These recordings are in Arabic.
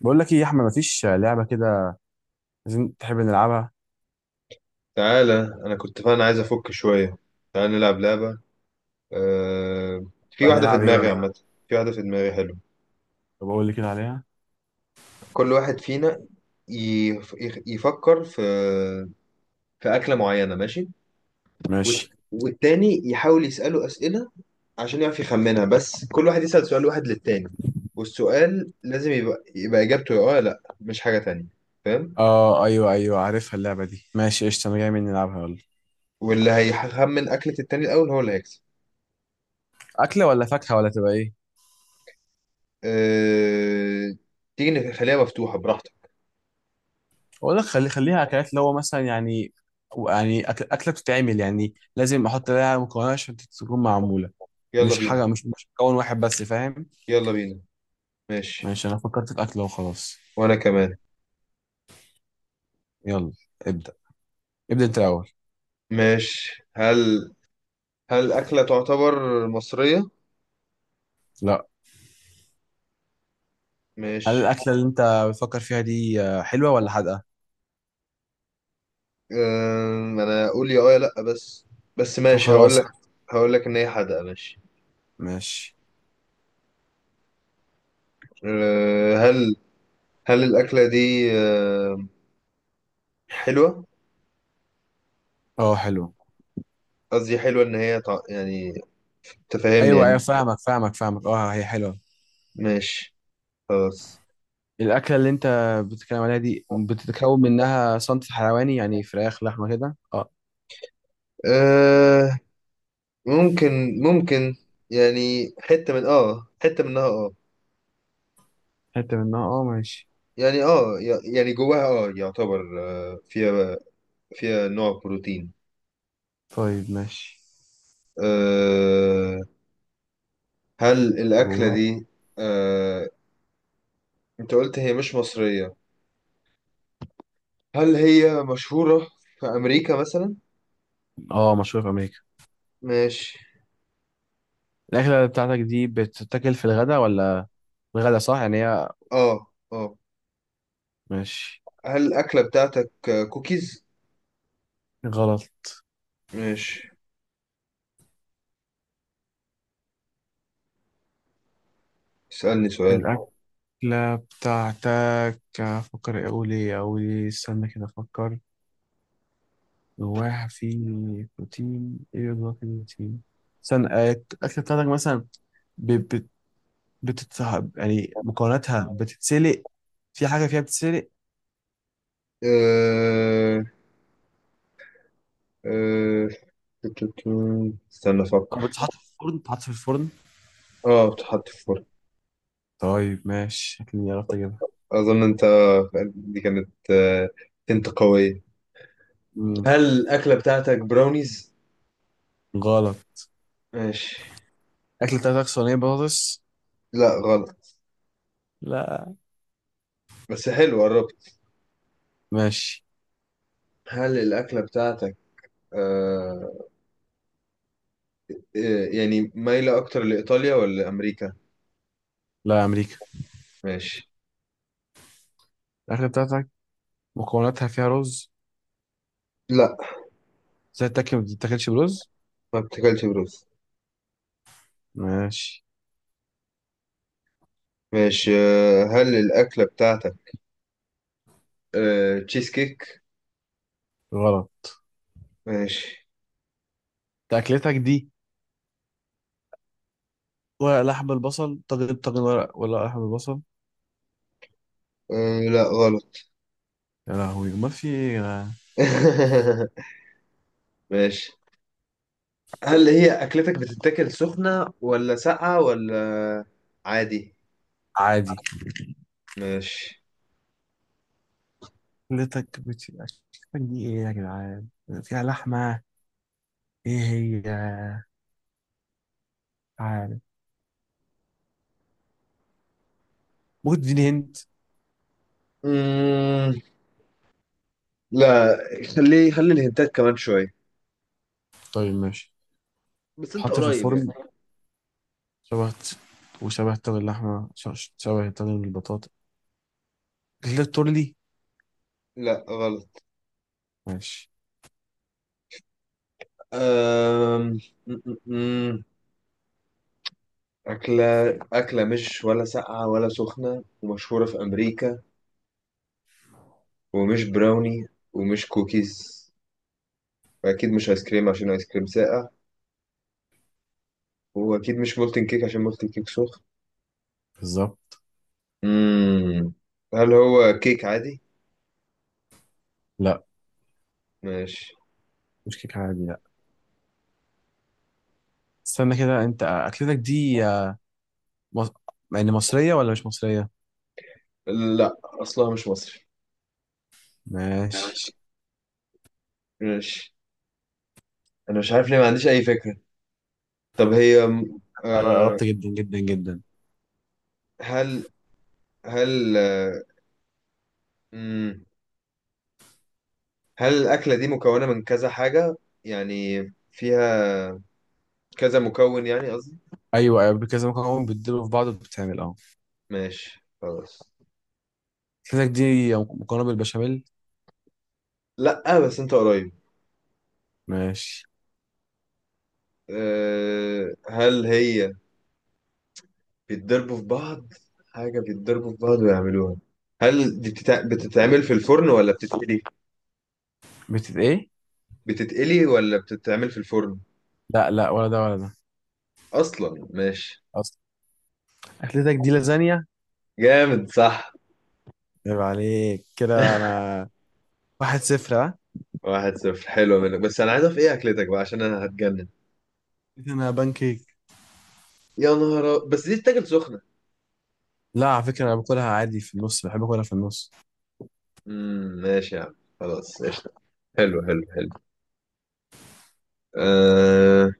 بقول لك ايه يا احمد؟ مفيش لعبه كده. عايزين تحب نلعبها. تعالى، انا كنت فعلا عايز افك شويه. تعالى نلعب لعبه. في بقى واحده في نلعب ايه دماغي ولا؟ عامه. في واحده في دماغي حلو. طب اقول لي كده عليها. كل واحد فينا يفكر في في اكله معينه. ماشي. ماشي. والتاني يحاول يساله اسئله عشان يعرف يخمنها، بس كل واحد يسال سؤال واحد للتاني، والسؤال لازم يبقى اجابته يا اه يا لا، مش حاجه تانية. فاهم؟ اه، ايوه ايوه عارفها اللعبه دي، ماشي قشطه، انا جاي من نلعبها يلا. واللي هيخمن اكله التاني الاول هو اللي هيكسب. اكله ولا فاكهه ولا تبقى ايه؟ أه... تيجي نخليها مفتوحه براحتك. اقول لك خليها اكلات، اللي هو مثلا يعني اكله بتتعمل، يعني لازم احط لها مكونات عشان تكون معموله. يلا مش بينا. حاجه، مش مكون واحد بس، فاهم؟ يلا بينا. ماشي. ماشي، انا فكرت في اكله وخلاص. وانا كمان. يلا. ابدا، ابدا انت الاول. ماشي، هل هل اكله تعتبر مصريه؟ لا. هل ماشي. الاكله اللي انت بتفكر فيها دي حلوه ولا حادقه؟ انا اقول يا اه يا لا بس. بس طب ماشي هقول لك، خلاص. هقول لك ان هي حادقه. ماشي. ماشي. أه، هل هل الاكله دي حلوه؟ اه حلو. قصدي حلوه ان هي يعني، تفهمني ايوه ايوه، يعني. فاهمك فاهمك فاهمك، اه هي حلوه. ماشي. خلاص. الاكله اللي انت بتتكلم عليها دي بتتكون منها صنف حيواني، يعني فراخ لحمه كده، اه؟ أه... ممكن، ممكن يعني حته من اه، حته منها اه. حته منها، اه ماشي. يعني اه، يعني جواها اه يعتبر، آه، فيها فيها نوع بروتين. طيب ماشي. أه، هل الأكلة جوه. دي أه، أنت قلت هي مش مصرية، هل هي مشهورة في أمريكا مثلا؟ اه، مشهوره في امريكا. ماشي. الاكله بتاعتك دي بتتاكل في الغداء ولا الغداء؟ صح يعني هي. اه. اه، ماشي. هل الأكلة بتاعتك آه، كوكيز؟ غلط. ماشي. اسألني سؤال. الاكله بتاعتك، افكر، اقول ايه اقول ايه، استنى كده افكر. جواها في بروتين ايه، جواها في بروتين. استنى، الاكله بتاعتك مثلا ب- بت- بتتسحب، يعني مكوناتها بتتسلق، في حاجة فيها بتتسلق؟ أه، أه، تو. استنى أو أفكر. بتتحط في الفرن، بتتحط في الفرن. اه بتحط في فرن. طيب ماشي، شكلي عرفت أجيبها. أظن أنت، دي كانت آه، أنت قوية. مم. هل الأكلة بتاعتك براونيز؟ غلط. ماشي. الأكلة بتاعتك صينية بطاطس. لا غلط. لا. بس حلو قربت. ماشي. هل الأكلة بتاعتك آه، إيه، يعني مايلة أكتر لإيطاليا ولا أمريكا؟ لا، يا أمريكا. ماشي. الأكلة بتاعتك مكوناتها فيها رز؟ لا زي التاكل ما بتتاكلش برز. ما بتاكلش بروز. ماشي. ماشي آه، هل الأكلة بتاعتك آه، تشيز كيك؟ غلط. ماشي. أنت أكلتك دي ورق، لحم، البصل، طاجن، طاجن ولا لحم البصل؟ آه لا غلط. يا لهوي، أمال في إيه يا جدعان؟ ماشي، هل هي أكلتك بتتاكل سخنة ولا ساقعة ولا عادي؟ عادي. ماشي. أكلتك دي إيه يا جدعان؟ فيها لحمة؟ ايه هي؟ عارف؟ ممكن تديني هنت؟ مم... لا، خليه خلي الهنتات كمان شوية. طيب ماشي. بس انت تحط في قريب يعني. الفرن، شبه الت- وشبه طاجن اللحمة، شبه طاجن البطاطا كده، تورلي؟ لا غلط. ماشي. أم... أكلة، أكلة مش ولا ساقعة ولا سخنة ومشهورة في أمريكا، ومش براوني، ومش كوكيز، وأكيد مش آيس كريم عشان آيس كريم ساقع، وأكيد مش مولتن كيك عشان مولتن كيك سخن. بالظبط. مم. هل هو كيك عادي؟ لا. ماشي. مش كيك عادي، لا. استنى كده، انت اكلتك دي مص... يعني مصرية ولا مش مصرية؟ لا أصلها مش مصري. ماشي. ماشي. ماشي. أنا مش عارف ليه، ما عنديش أي فكرة. طب هي آه، قربت جدا جدا جدا. هل هل آه، مم، هل الأكلة دي مكونة من كذا حاجة يعني، فيها كذا مكون يعني. ايوه ايوه، كذا مكرونة بتدلوا في بعض وبتتعمل، اه. ماشي خلاص. اكلتك دي مكرونة بالبشاميل. لا بس انت قريب. ماشي. أه، هل هي بيتضربوا في بعض، حاجة بيتضربوا في بعض ويعملوها. هل دي بتتعمل في الفرن ولا بتتقلي؟ بتت ايه؟ بتتقلي ولا بتتعمل في الفرن؟ لا لا، ولا ده ولا ده. اصلا ماشي. اصلا. اكلتك دي لازانيا. جامد صح. عيب عليك كده، انا واحد صفر، ها. واحد صفر، حلو منك، بس انا عايز اعرف ايه اكلتك بقى عشان انا هتجنن. انا بانكيك. يا نهار بس دي تتاكل سخنة. لا على فكرة، انا باكلها عادي في النص، بحب اكلها في النص. ماشي يا عم، خلاص قشطة. حلو حلو حلو. أه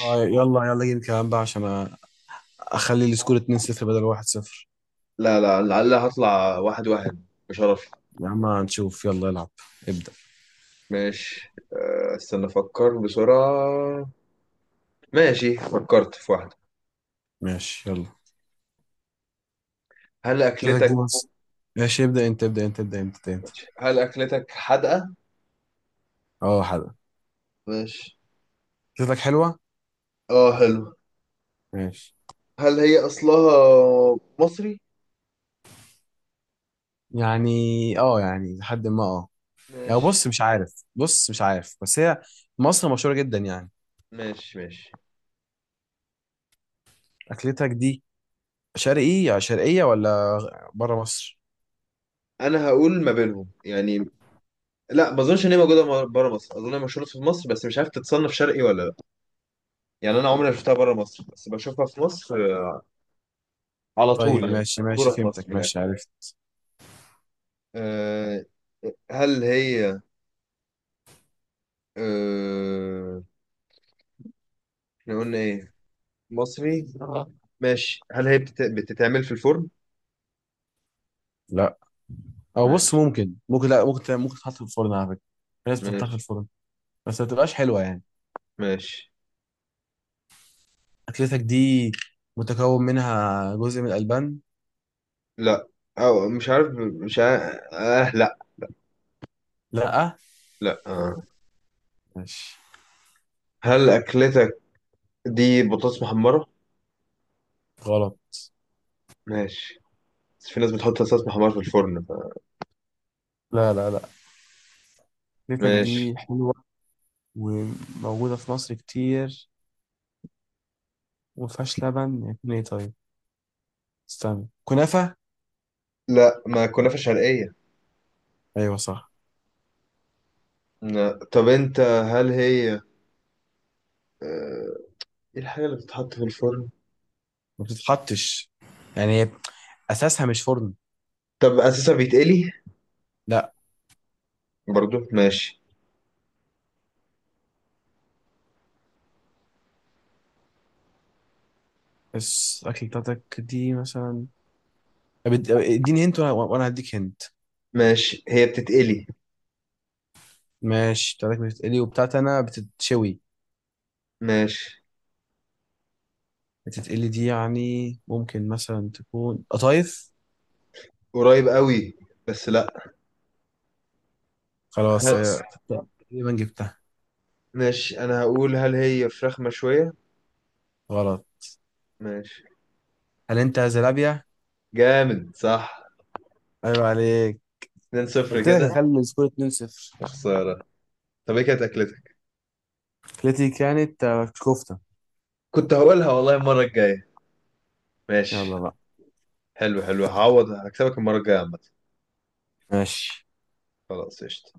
آه يلا يلا، جيب كمان بقى عشان اخلي السكور 2-0 بدل 1-0. لا لا، لعل هطلع واحد واحد بشرف. يا عم هنشوف، يلا العب. ابدأ. ماشي آه، استنى افكر بسرعة. ماشي فكرت في واحدة. ماشي يلا. هل شكلك أكلتك، دي بس. ماشي، ابدأ انت ابدأ انت. هل أكلتك حادقة؟ اه حلو. ماشي. شكلك حلوة. اه حلو. ماشي. هل هي أصلها مصري؟ يعني، اه، يعني لحد ما، اه، يعني ماشي. بص مش عارف، بص مش عارف، بس هي مصر مشهورة جدا يعني. ماشي. ماشي. اكلتك دي شرقي، يعني شرقية ولا بره مصر؟ أنا هقول ما بينهم يعني. لا ما أظنش إن هي موجودة بره مصر، أظن هي مشهورة في مصر بس مش عارف تتصنف شرقي ولا لا. يعني أنا عمري ما شفتها بره مصر، بس بشوفها في مصر على طول طيب يعني، ماشي مشهورة ماشي، في فهمتك، مصر من الآخر. ماشي عرفت. أه هل هي، أه... احنا قلنا إيه؟ مصري آه. ماشي هل هي بتتعمل في الفرن؟ لا، او بص، ماشي. ممكن ممكن لا ممكن ممكن تحط في الفرن على فكره. في ناس بتحطها في ماشي. الفرن. بس ما بتبقاش حلوه يعني. ماشي. اكلتك دي متكون منها جزء من الالبان؟ لا، أو مش عارف، مش عارف، آه لا. لا. لا آه. ماشي. هل أكلتك دي بطاطس محمرة؟ غلط. ماشي. بس في ناس بتحط بطاطس محمرة في الفرن ف... لا لا لا. اكلتك ماشي. دي حلوه وموجوده في مصر كتير، وما فيهاش لبن، يكون ايه طيب؟ استنى، كنافه. لا ما كنافة شرقية. ايوه صح. لا. طب انت هل هي ايه، الحاجة اللي بتتحط في الفرن؟ ما بتتحطش، يعني اساسها مش فرن. طب أساسا بيتقلي؟ لا. برضو ماشي. بس اكلتك دي مثلا، طب اديني هنت وانا هديك هنت. ماشي هي بتتقلي. ماشي. بتاعتك بتتقلي وبتاعت انا بتتشوي. ماشي. بتتقلي دي يعني ممكن مثلا تكون قطايف. قريب قوي بس لا. هل... خلاص خلاص. هي تقريبا جبتها. ماشي انا هقول هل هي فراخ مشوية؟ غلط. ماشي. هل انت زلابيا؟ جامد صح. ايوه عليك. 2-0 قلت لك كده. اخلي السكور 2-0. خسارة. طب ايه كانت اكلتك؟ التي كانت كفتة. كنت هقولها والله المرة الجاية. ماشي. يلا بقى. حلو حلو، هعوض هكسبك المرة الجاية عامة. ماشي. خلاص قشطة.